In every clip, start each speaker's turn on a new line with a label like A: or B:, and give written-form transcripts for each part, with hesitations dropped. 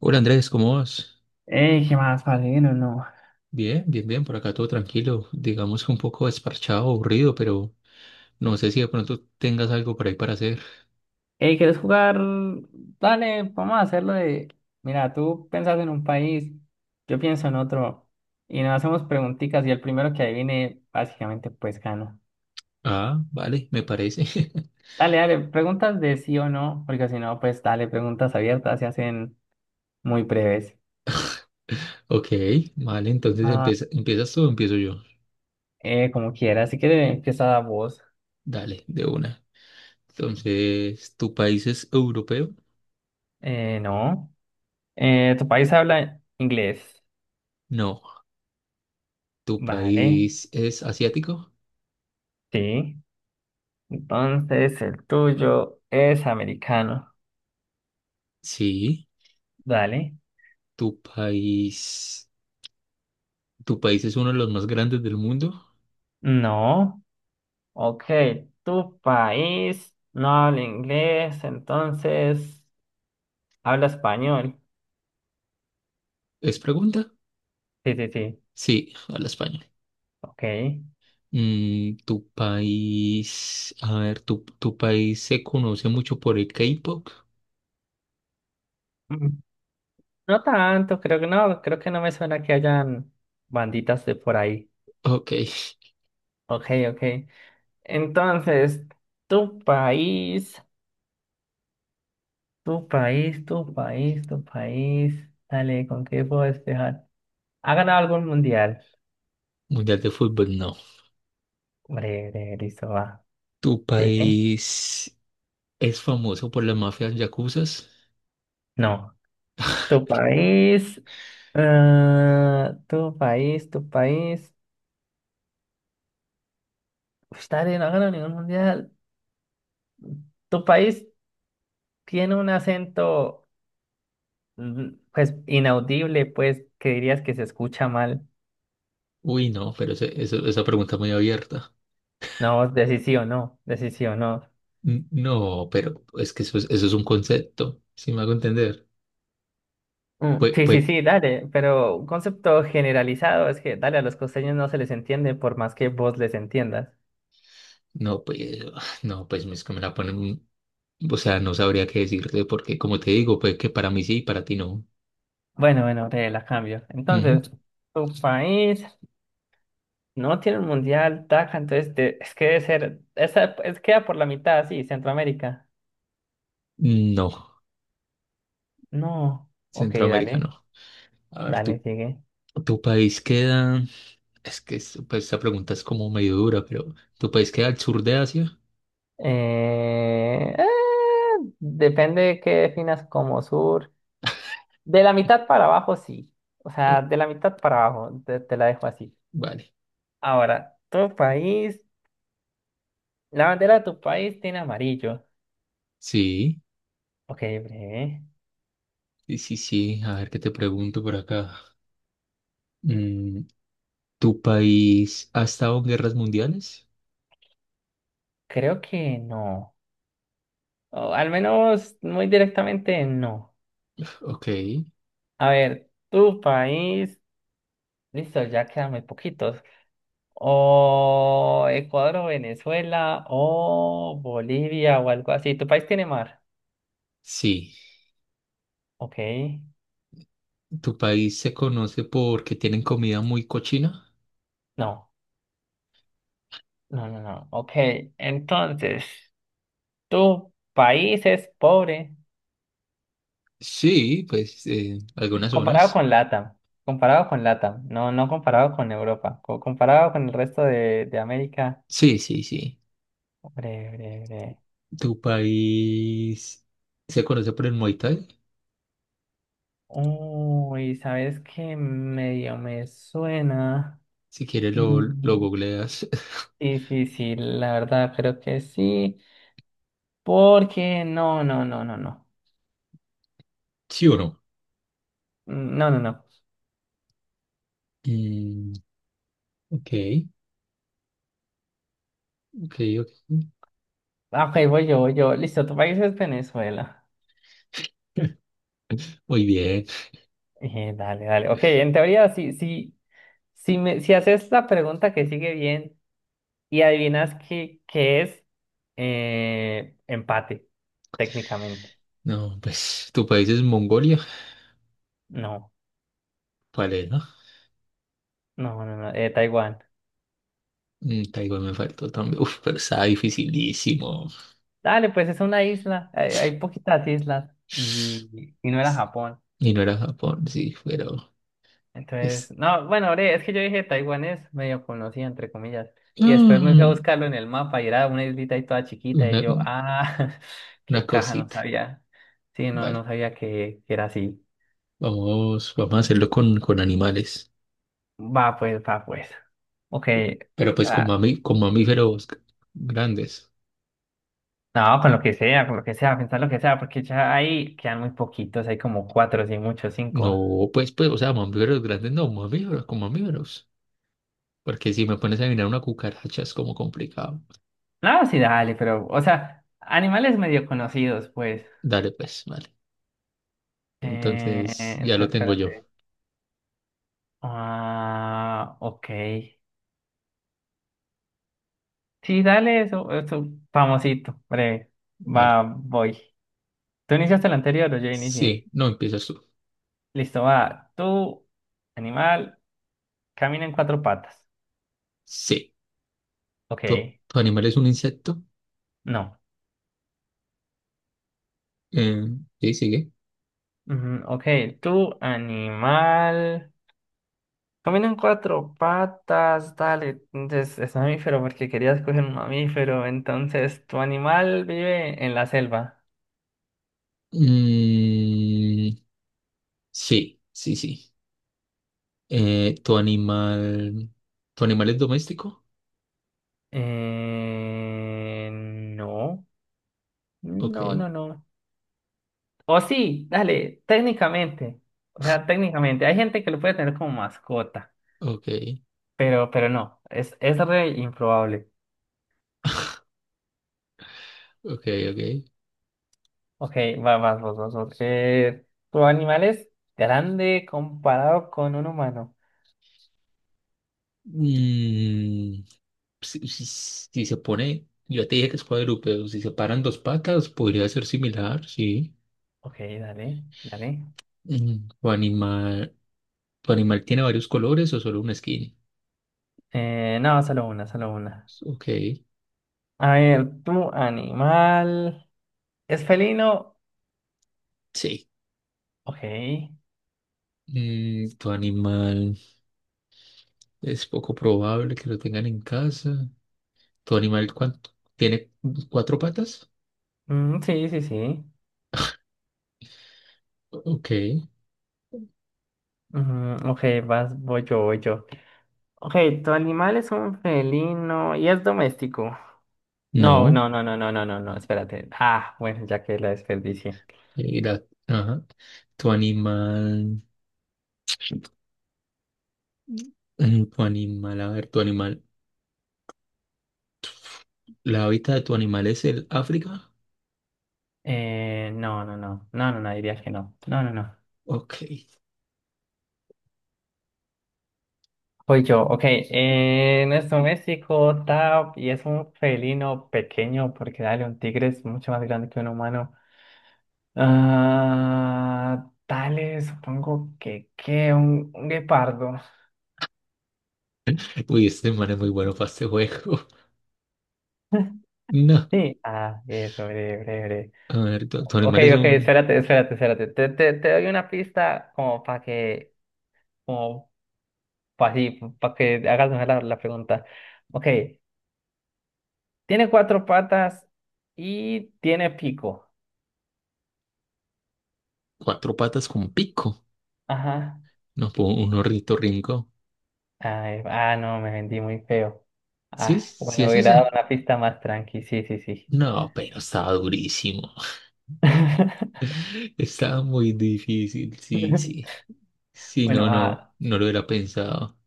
A: Hola Andrés, ¿cómo vas?
B: Ey, ¿qué más, parce? Bien no.
A: Bien, bien, bien, por acá todo tranquilo, digamos que un poco desparchado, aburrido, pero no sé si de pronto tengas algo por ahí para hacer.
B: Ey, ¿quieres jugar? Dale, vamos a hacerlo de. Mira, tú piensas en un país, yo pienso en otro, y nos hacemos preguntitas, y el primero que adivine, básicamente, pues gana.
A: Ah, vale, me parece.
B: Dale, dale, preguntas de sí o no, porque si no, pues dale, preguntas abiertas se hacen muy breves.
A: Ok, vale, entonces
B: Ah,
A: empieza, ¿empiezas tú o empiezo yo?
B: como quieras, si quieres, empieza vos.
A: Dale, de una. Entonces, ¿tu país es europeo?
B: No. ¿Tu país habla inglés?
A: No. ¿Tu
B: Vale,
A: país es asiático?
B: sí. Entonces, el tuyo es americano.
A: Sí.
B: Dale.
A: ¿Tu país, tu país es uno de los más grandes del mundo?
B: No. Ok, tu país no habla inglés, entonces habla español.
A: ¿Es pregunta?
B: Sí, sí, sí.
A: Sí, habla español.
B: Ok.
A: Tu país, a ver, tu país se conoce mucho por el K-pop.
B: Mm, no tanto, creo que no me suena que hayan banditas de por ahí.
A: Ok,
B: Ok, ok. Entonces, tu país, tu país. Dale, ¿con qué puedo despejar? ¿Ha ganado algún mundial?
A: Mundial de Fútbol, no.
B: Breve, listo, va.
A: ¿Tu
B: Sigue.
A: país es famoso por las mafias yacuzas?
B: No. Tu país. Tu país. Uf, dale, no ha ganado ningún mundial. Tu país tiene un acento, pues, inaudible, pues, que dirías que se escucha mal.
A: Uy, no, pero esa pregunta muy abierta.
B: No, decís sí o no. Decís sí o no.
A: No, pero es que eso es un concepto, si me hago entender.
B: Mm,
A: Pues,
B: sí, sí,
A: pues,
B: sí, dale. Pero un concepto generalizado es que, dale, a los costeños no se les entiende por más que vos les entiendas.
A: no, pues, no, pues es que me la ponen, o sea, no sabría qué decirte porque, como te digo, pues que para mí sí y para ti no.
B: Bueno, bueno, te la cambio.
A: Ujú.
B: Entonces, tu país. No tiene un mundial, taca, entonces es que debe ser, esa, es, queda por la mitad, sí, Centroamérica.
A: No,
B: No, ok,
A: Centroamérica no. A ver,
B: dale, sigue.
A: tu país queda. Es que pues, esta pregunta es como medio dura, pero ¿tu país queda al sur de Asia?
B: Eh, eh, depende de qué definas como sur. De la mitad para abajo, sí. O
A: Oh,
B: sea, de la mitad para abajo, te la dejo así.
A: vale.
B: Ahora, tu país, la bandera de tu país tiene amarillo.
A: Sí,
B: Ok, breve.
A: sí, sí, sí. A ver qué te pregunto por acá. Mm, ¿Tu país ha estado en guerras mundiales?
B: Creo que no. O al menos muy directamente no.
A: Ok.
B: A ver, tu país. Listo, ya quedan muy poquitos. O Ecuador o Venezuela o Bolivia o algo así. ¿Tu país tiene mar?
A: Sí.
B: Ok.
A: ¿Tu país se conoce porque tienen comida muy cochina?
B: No, no, no, no. Ok, entonces, tu país es pobre
A: Sí, pues algunas
B: comparado
A: zonas.
B: con LATAM. Comparado con LATAM. No, no comparado con Europa. Comparado con el resto de América.
A: Sí, sí, sí.
B: Bre, bre, bre.
A: ¿Tu país se conoce por el Muay Thai?
B: Uy, ¿sabes qué? Medio me suena.
A: Si quieres lo
B: Mm,
A: googleas.
B: sí, sí, sí, la verdad creo que sí, porque
A: ¿Sí o no?
B: mm, no, no, no.
A: Mm, ok, ok, ok.
B: Ah, ok, voy yo. Listo, tu país es Venezuela.
A: Muy bien.
B: Dale, dale. Ok, en teoría, si haces la pregunta que sigue bien y adivinas qué es, empate, técnicamente.
A: No, pues tu país es Mongolia.
B: No,
A: ¿Cuál es, no?
B: no, no, no, Taiwán.
A: Mm, Taiwán me faltó también. Uf, pero estaba dificilísimo.
B: Dale, pues es una isla, hay poquitas islas y no era Japón.
A: Y no era Japón, sí, pero
B: Entonces,
A: es
B: no, bueno, hombre, es que yo dije Taiwán es medio conocida, entre comillas. Y después me fui a
A: mm,
B: buscarlo en el mapa y era una islita ahí toda chiquita. Y
A: una,
B: yo, ah,
A: una
B: qué caja, no
A: cosita.
B: sabía. Sí, no, no
A: Vale,
B: sabía que era así.
A: vamos a hacerlo con animales.
B: Va, pues, va, pues. Ok.
A: Pero pues con,
B: ah,
A: con mamíferos grandes.
B: no, con lo que sea, con lo que sea, pensar lo que sea, porque ya ahí quedan muy poquitos, hay como cuatro, sí, muchos, cinco.
A: No, o sea, mamíferos grandes, no, mamíferos, con mamíferos. Porque si me pones a adivinar una cucaracha es como complicado.
B: No, sí, dale, pero, o sea, animales medio conocidos, pues.
A: Dale, pues, vale. Entonces, ya lo
B: Entonces,
A: tengo yo.
B: espérate. Ah, ok. Sí, dale, eso, famosito, breve,
A: Vale.
B: va, voy. Tú iniciaste el anterior, o yo inicié.
A: Sí, no empiezas tú.
B: Listo, va, tú, animal, camina en cuatro patas.
A: Sí.
B: Ok,
A: ¿Tu, tu animal es un insecto?
B: no.
A: Eh, sí, sigue.
B: Ujú, ok, tú, animal, camina en cuatro patas, dale, entonces es mamífero porque querías coger un mamífero, entonces tu animal vive en la selva.
A: Mm, sí, sí, sí. Eh, ¿tu animal, ¿tu animal es doméstico?
B: No,
A: Ok,
B: no, no, no. O sí, dale, técnicamente. O sea, técnicamente. Hay gente que lo puede tener como mascota,
A: ok,
B: pero no, es re improbable.
A: ok, ok.
B: Ok, va, vas, vos. ¿Tu animal es grande comparado con un humano?
A: Mm, si, si se pone, yo te dije que es cuadrúpedo, si se paran dos patas, podría ser similar, sí.
B: Ok, dale, dale.
A: Mm, ¿tu animal tiene varios colores o solo una skin?
B: No, solo una, solo una.
A: Ok,
B: A ver, ¿tu animal es felino?
A: sí.
B: Ok.
A: Mm, ¿tu animal es poco probable que lo tengan en casa? ¿Tu animal cuánto? ¿Tiene cuatro patas?
B: Mm, sí, sí, sí.
A: Ok,
B: Ujú, ok, vas, voy yo. Ok, tu animal es un felino y es doméstico. No,
A: no.
B: no, no, no, no, no, no, no, espérate. Ah, bueno, ya que la desperdicié.
A: Ajá. ¿Tu animal, ¿tu animal, la hábitat de tu animal es el África?
B: No, no, no, no, no, no, diría que no. No, no, no.
A: Ok.
B: Voy yo, ok. Nuestro México, tap, y es un felino pequeño, porque dale, un tigre es mucho más grande que un humano. Ah, dale, supongo un guepardo.
A: Uy, este man es muy bueno para este juego. No.
B: Sí, ah, eso, breve, breve, breve.
A: A ver, tu
B: Ok,
A: animal es
B: ok,
A: un
B: espérate. Te doy una pista como para que hagas mejor la pregunta. Ok, tiene cuatro patas y tiene pico.
A: cuatro patas con pico.
B: Ajá.
A: No, un ornitorrinco.
B: Ay, ah, no, me vendí muy feo.
A: ¿Sí?
B: Ah,
A: ¿Sí
B: bueno,
A: es
B: hubiera dado
A: ese?
B: una pista más tranqui, sí, sí, sí.
A: No, pero estaba durísimo. Estaba muy difícil, sí, sí. Sí,
B: Bueno,
A: no, no,
B: ah,
A: no lo hubiera pensado.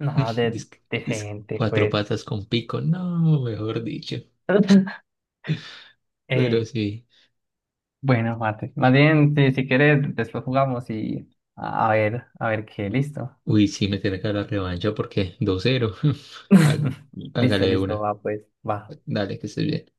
B: no,
A: Dis-
B: decente,
A: cuatro
B: pues.
A: patas con pico, no, mejor dicho. Pero
B: Ey,
A: sí.
B: bueno, mate. Más bien, si, si quieres, después jugamos y a ver, a ver qué, listo.
A: Uy, sí, me tiene que dar la revancha porque 2-0 Há-
B: Listo,
A: Hágale
B: listo,
A: una.
B: va, pues, va.
A: Dale, que estés bien.